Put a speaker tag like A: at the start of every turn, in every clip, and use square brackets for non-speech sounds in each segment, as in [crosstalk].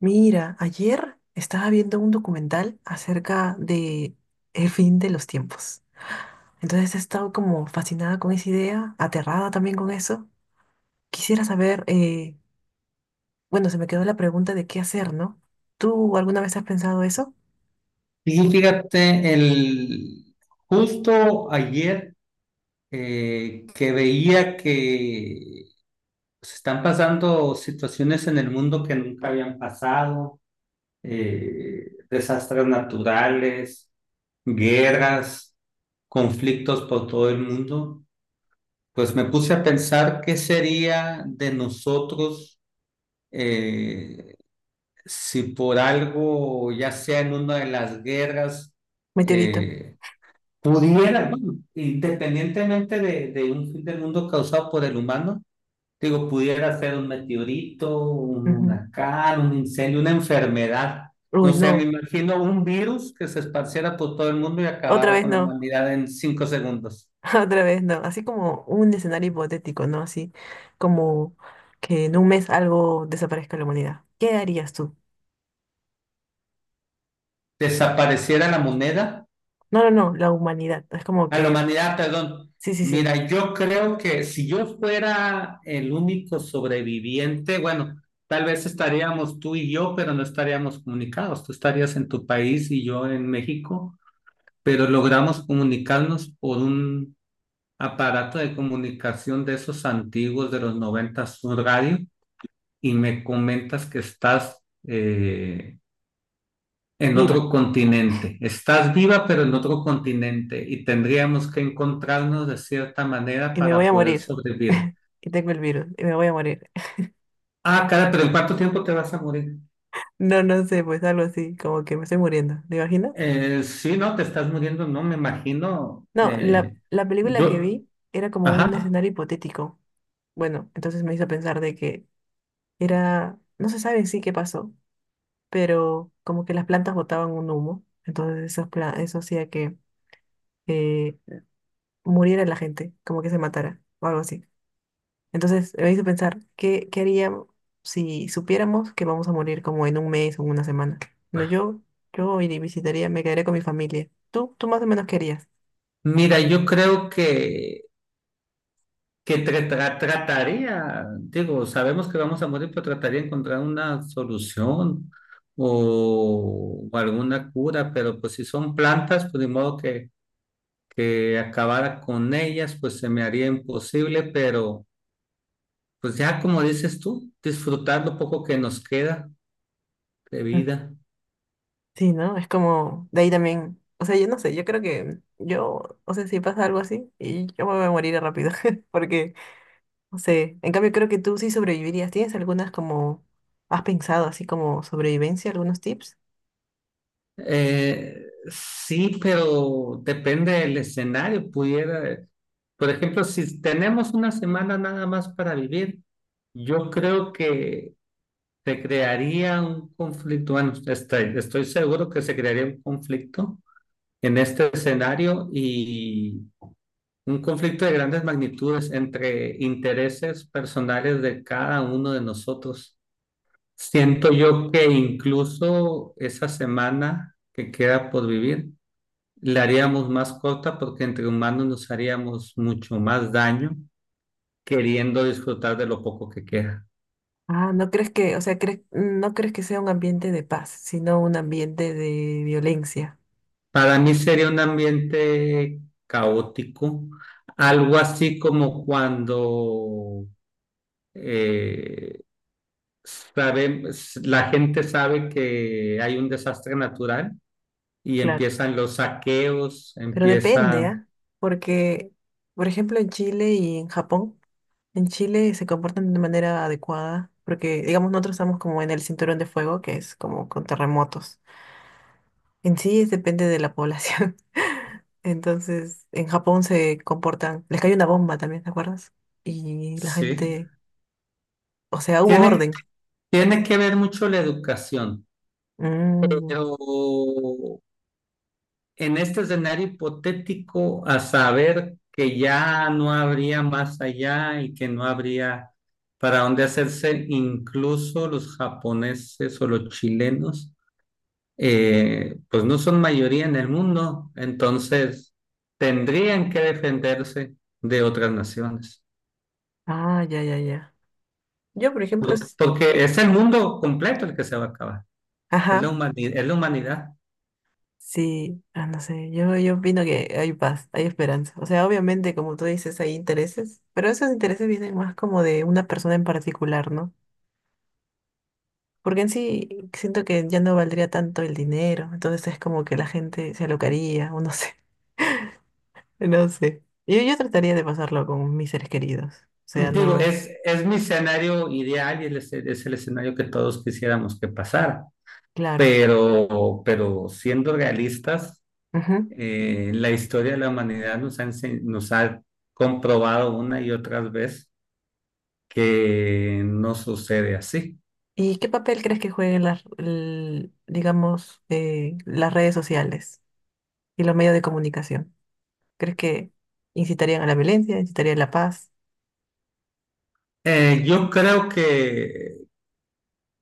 A: Mira, ayer estaba viendo un documental acerca de el fin de los tiempos. Entonces he estado como fascinada con esa idea, aterrada también con eso. Quisiera saber, bueno, se me quedó la pregunta de qué hacer, ¿no? ¿Tú alguna vez has pensado eso?
B: Y fíjate, justo ayer que veía que se están pasando situaciones en el mundo que nunca habían pasado, desastres naturales, guerras, conflictos por todo el mundo. Pues me puse a pensar qué sería de nosotros eh, si por algo, ya sea en una de las guerras,
A: Meteorito.
B: eh, pudiera, bueno, independientemente de un fin del mundo causado por el humano. Digo, pudiera ser un meteorito, un
A: Ujú.
B: huracán, un incendio, una enfermedad. No
A: Uy,
B: sé, me
A: no,
B: imagino un virus que se esparciera por todo el mundo y
A: otra
B: acabara
A: vez
B: con la
A: no,
B: humanidad en 5 segundos.
A: [laughs] otra vez no. Así como un escenario hipotético, ¿no? Así como que en un mes algo desaparezca de la humanidad. ¿Qué harías tú?
B: Desapareciera la moneda
A: No, no, no, la humanidad. Es como
B: a la
A: que,
B: humanidad, perdón.
A: sí, sí, sí.
B: Mira, yo creo que si yo fuera el único sobreviviente, bueno, tal vez estaríamos tú y yo, pero no estaríamos comunicados. Tú estarías en tu país y yo en México, pero logramos comunicarnos por un aparato de comunicación de esos antiguos de los 90, un radio, y me comentas que estás en
A: Viva
B: otro continente. Estás viva, pero en otro continente, y tendríamos que encontrarnos de cierta manera
A: y me voy
B: para
A: a
B: poder
A: morir.
B: sobrevivir.
A: [laughs] Y tengo el virus y me voy a morir. [laughs]
B: Ah, cara, pero ¿en cuánto tiempo te vas a morir?
A: No, no sé, pues algo así, como que me estoy muriendo. ¿Te imaginas?
B: Sí, no, te estás muriendo, no me imagino.
A: No, la, la película que
B: Yo,
A: vi era como un
B: ajá.
A: escenario hipotético. Bueno, entonces me hizo pensar de que era, no se sabe en sí qué pasó, pero como que las plantas botaban un humo, entonces eso hacía que eh, muriera la gente, como que se matara o algo así. Entonces me hizo pensar, ¿qué haríamos si supiéramos que vamos a morir como en un mes o en una semana? No, yo iría y visitaría, me quedaría con mi familia. ¿Tú más o menos querías?
B: Mira, yo creo que, trataría, digo, sabemos que vamos a morir, pero trataría de encontrar una solución o alguna cura, pero pues si son plantas, pues de modo que acabara con ellas, pues se me haría imposible, pero pues ya como dices tú, disfrutar lo poco que nos queda de
A: Mm.
B: vida.
A: Sí, ¿no? Es como, de ahí también, o sea, yo no sé, yo creo que yo, o sea, si pasa algo así, y yo me voy a morir rápido, [laughs] porque sí, en cambio creo que tú sí sobrevivirías. ¿Tienes algunas como, has pensado así como sobrevivencia, algunos tips?
B: Sí, pero depende del escenario, pudiera, por ejemplo, si tenemos una semana nada más para vivir, yo creo que se crearía un conflicto, bueno, estoy seguro que se crearía un conflicto en este escenario, y un conflicto de grandes magnitudes entre intereses personales de cada uno de nosotros. Siento yo que incluso esa semana que queda por vivir, la haríamos más corta, porque entre humanos nos haríamos mucho más daño queriendo disfrutar de lo poco que queda.
A: Ah, no crees que, o sea, crees, no crees que sea un ambiente de paz, sino un ambiente de violencia.
B: Para mí sería un ambiente caótico, algo así como cuando eh, sabe- la gente sabe que hay un desastre natural y
A: Claro.
B: empiezan los saqueos,
A: Pero depende,
B: empiezan.
A: ¿ah? Porque, por ejemplo, en Chile y en Japón. En Chile se comportan de manera adecuada, porque digamos nosotros estamos como en el cinturón de fuego, que es como con terremotos. En sí es- depende de la población. [laughs] Entonces, en Japón se comportan, les cayó una bomba también, ¿te acuerdas? Y la
B: Sí,
A: gente, o sea, hubo
B: tiene,
A: orden.
B: tiene que ver mucho la educación,
A: Mm.
B: pero en este escenario hipotético, a saber que ya no habría más allá y que no habría para dónde hacerse, incluso los japoneses o los chilenos, pues no son mayoría en el mundo, entonces tendrían que defenderse de otras naciones.
A: Ah, ya, ya, ya. Yo, por ejemplo, s-
B: Porque es el mundo completo el que se va a acabar, es la
A: ajá,
B: humanidad, es la humanidad.
A: sí, ah, no sé, yo opino que hay paz, hay esperanza. O sea, obviamente, como tú dices, hay intereses, pero esos intereses vienen más como de una persona en particular, ¿no? Porque en sí siento que ya no valdría tanto el dinero, entonces es como que la gente se alocaría, o no sé, [laughs] no sé. Yo trataría de pasarlo con mis seres queridos, o sea,
B: Digo,
A: no,
B: es mi escenario ideal y es el escenario que todos quisiéramos que pasara,
A: claro.
B: pero, siendo realistas,
A: Ujú.
B: la historia de la humanidad nos ha, nos ha comprobado una y otra vez que no sucede así.
A: ¿Y qué papel crees que jueguen las, l- digamos, las redes sociales y los medios de comunicación? ¿Crees que incitarían a la violencia, incitarían a la paz?
B: Yo creo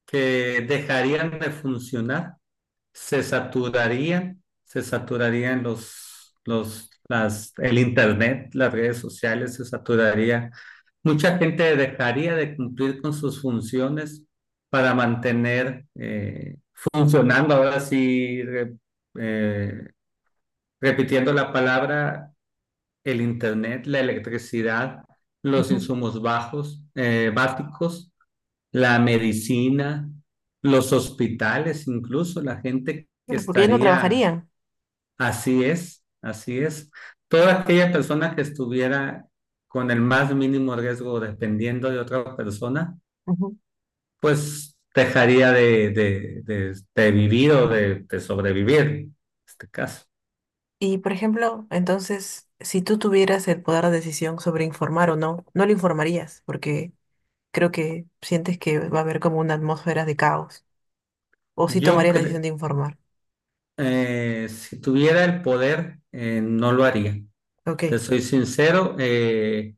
B: que dejarían de funcionar, se saturarían, el internet, las redes sociales, se saturaría. Mucha gente dejaría de cumplir con sus funciones para mantener funcionando, ahora sí, eh, repitiendo la palabra, el internet, la electricidad, los
A: Ujú.
B: insumos bajos, básicos, la medicina, los hospitales, incluso la gente que
A: Bueno, porque ya no
B: estaría,
A: trabajarían.
B: así es, toda aquella persona que estuviera con el más mínimo riesgo dependiendo de otra persona, pues dejaría de vivir o de sobrevivir en este caso.
A: Y, por ejemplo, entonces, si tú tuvieras el poder de decisión sobre informar o no, no lo informarías, porque creo que sientes que va a haber como una atmósfera de caos, o si
B: Yo
A: tomarías la decisión
B: creo,
A: de informar.
B: si tuviera el poder, no lo haría.
A: Ok,
B: Te soy sincero,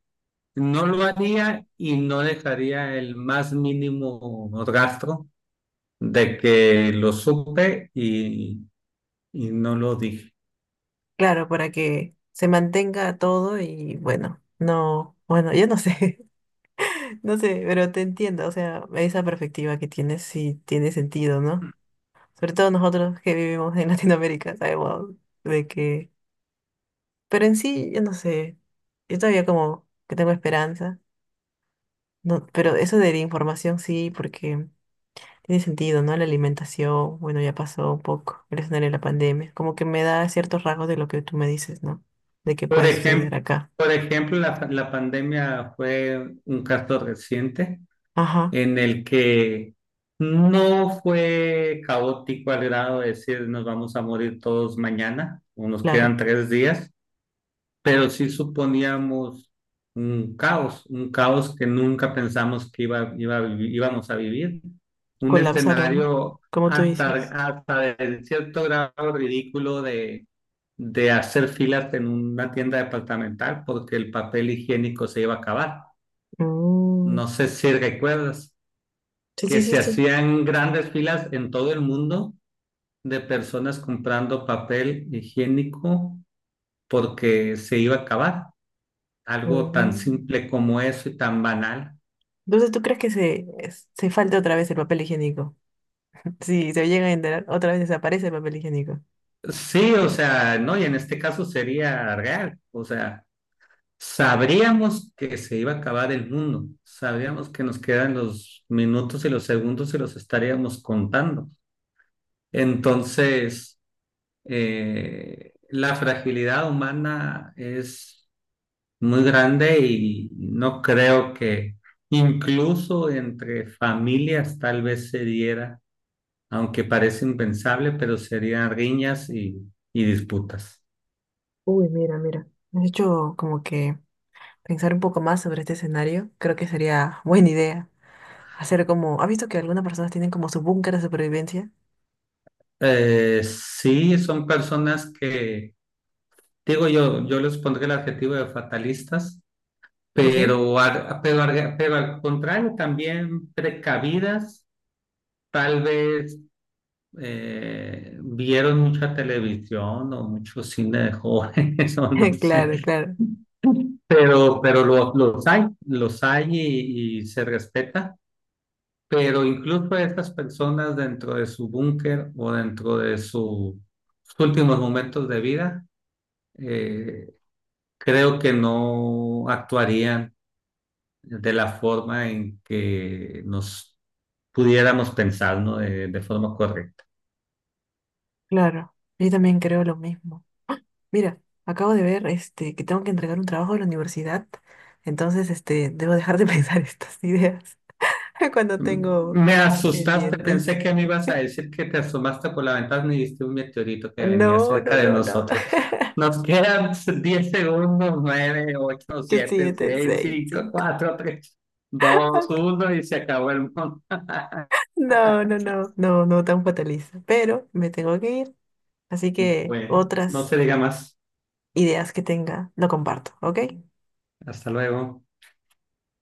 B: no lo haría, y no dejaría el más mínimo rastro de que lo supe y no lo dije.
A: claro, para que se mantenga todo y bueno, no, bueno, yo no sé, [laughs] no sé, pero te entiendo, o sea, esa perspectiva que tienes sí tiene sentido, ¿no? Sobre todo nosotros que vivimos en [laughs] Latinoamérica, sabemos de que, pero en sí, yo no sé, yo todavía como que tengo esperanza. No, pero eso de la información sí, porque tiene sentido, ¿no? La alimentación, bueno, ya pasó un poco el escenario de la pandemia. Como que me da ciertos rasgos de lo que tú me dices, ¿no? De qué
B: Por
A: puede suceder
B: ejemplo,
A: acá.
B: por ejemplo, la pandemia fue un caso reciente
A: Ajá,
B: en el que no fue caótico al grado de decir nos vamos a morir todos mañana o nos quedan
A: claro.
B: 3 días, pero sí suponíamos un caos que nunca pensamos que íbamos a vivir, un
A: Colapsaron, ¿no?
B: escenario
A: Como tú
B: hasta,
A: dices.
B: hasta de cierto grado ridículo de hacer filas en una tienda departamental porque el papel higiénico se iba a acabar.
A: Mm.
B: No sé si recuerdas
A: Sí,
B: que
A: sí, sí,
B: se
A: sí.
B: hacían grandes filas en todo el mundo de personas comprando papel higiénico porque se iba a acabar. Algo tan
A: Mm.
B: simple como eso y tan banal.
A: Entonces, ¿tú crees que se, es- se falta otra vez el papel higiénico? Sí, se llega a enterar, otra vez desaparece el papel higiénico.
B: Sí, o sea, no, y en este caso sería real, o sea, sabríamos que se iba a acabar el mundo, sabríamos que nos quedan los minutos y los segundos, y los estaríamos contando. Entonces, la fragilidad humana es muy grande, y no creo que incluso entre familias tal vez se diera, aunque parece impensable, pero serían riñas y disputas.
A: Uy, mira, mira. De hecho, como que pensar un poco más sobre este escenario, creo que sería buena idea hacer como, ¿has visto que algunas personas tienen como su búnker de supervivencia?
B: Sí, son personas que, digo yo, yo les pondré el adjetivo de fatalistas,
A: ¿Ok? [laughs]
B: pero, pero al contrario, también precavidas, tal vez vieron mucha televisión o mucho cine de jóvenes, [laughs] o no sé,
A: Claro, claro,
B: pero, pero los hay, los hay, y se respeta. Pero incluso a estas personas dentro de su búnker o dentro de sus últimos momentos de vida, eh, creo que no actuarían de la forma en que nos pudiéramos pensar, ¿no? De forma correcta.
A: claro. Yo también creo lo mismo. Mira, acabo de ver este que tengo que entregar un trabajo de la universidad, entonces este debo dejar de [laughs] pensar estas ideas [laughs] cuando tengo
B: Me asustaste,
A: pendientes.
B: pensé que me ibas a decir que te asomaste por la ventana y viste un meteorito que venía
A: No, no,
B: cerca de
A: no, no.
B: nosotros. Nos quedan [laughs] 10 segundos, nueve, ocho,
A: [laughs] Yo
B: siete,
A: siete,
B: seis,
A: seis,
B: cinco,
A: cinco. [laughs]
B: cuatro, tres, dos, uno, y se acabó el mundo. [laughs]
A: No, no, no, no, no tan fatalista. Pero me tengo que ir. Así que
B: Bueno, no
A: otras
B: se diga más.
A: ideas que tenga, lo comparto, ¿ok?
B: Hasta luego.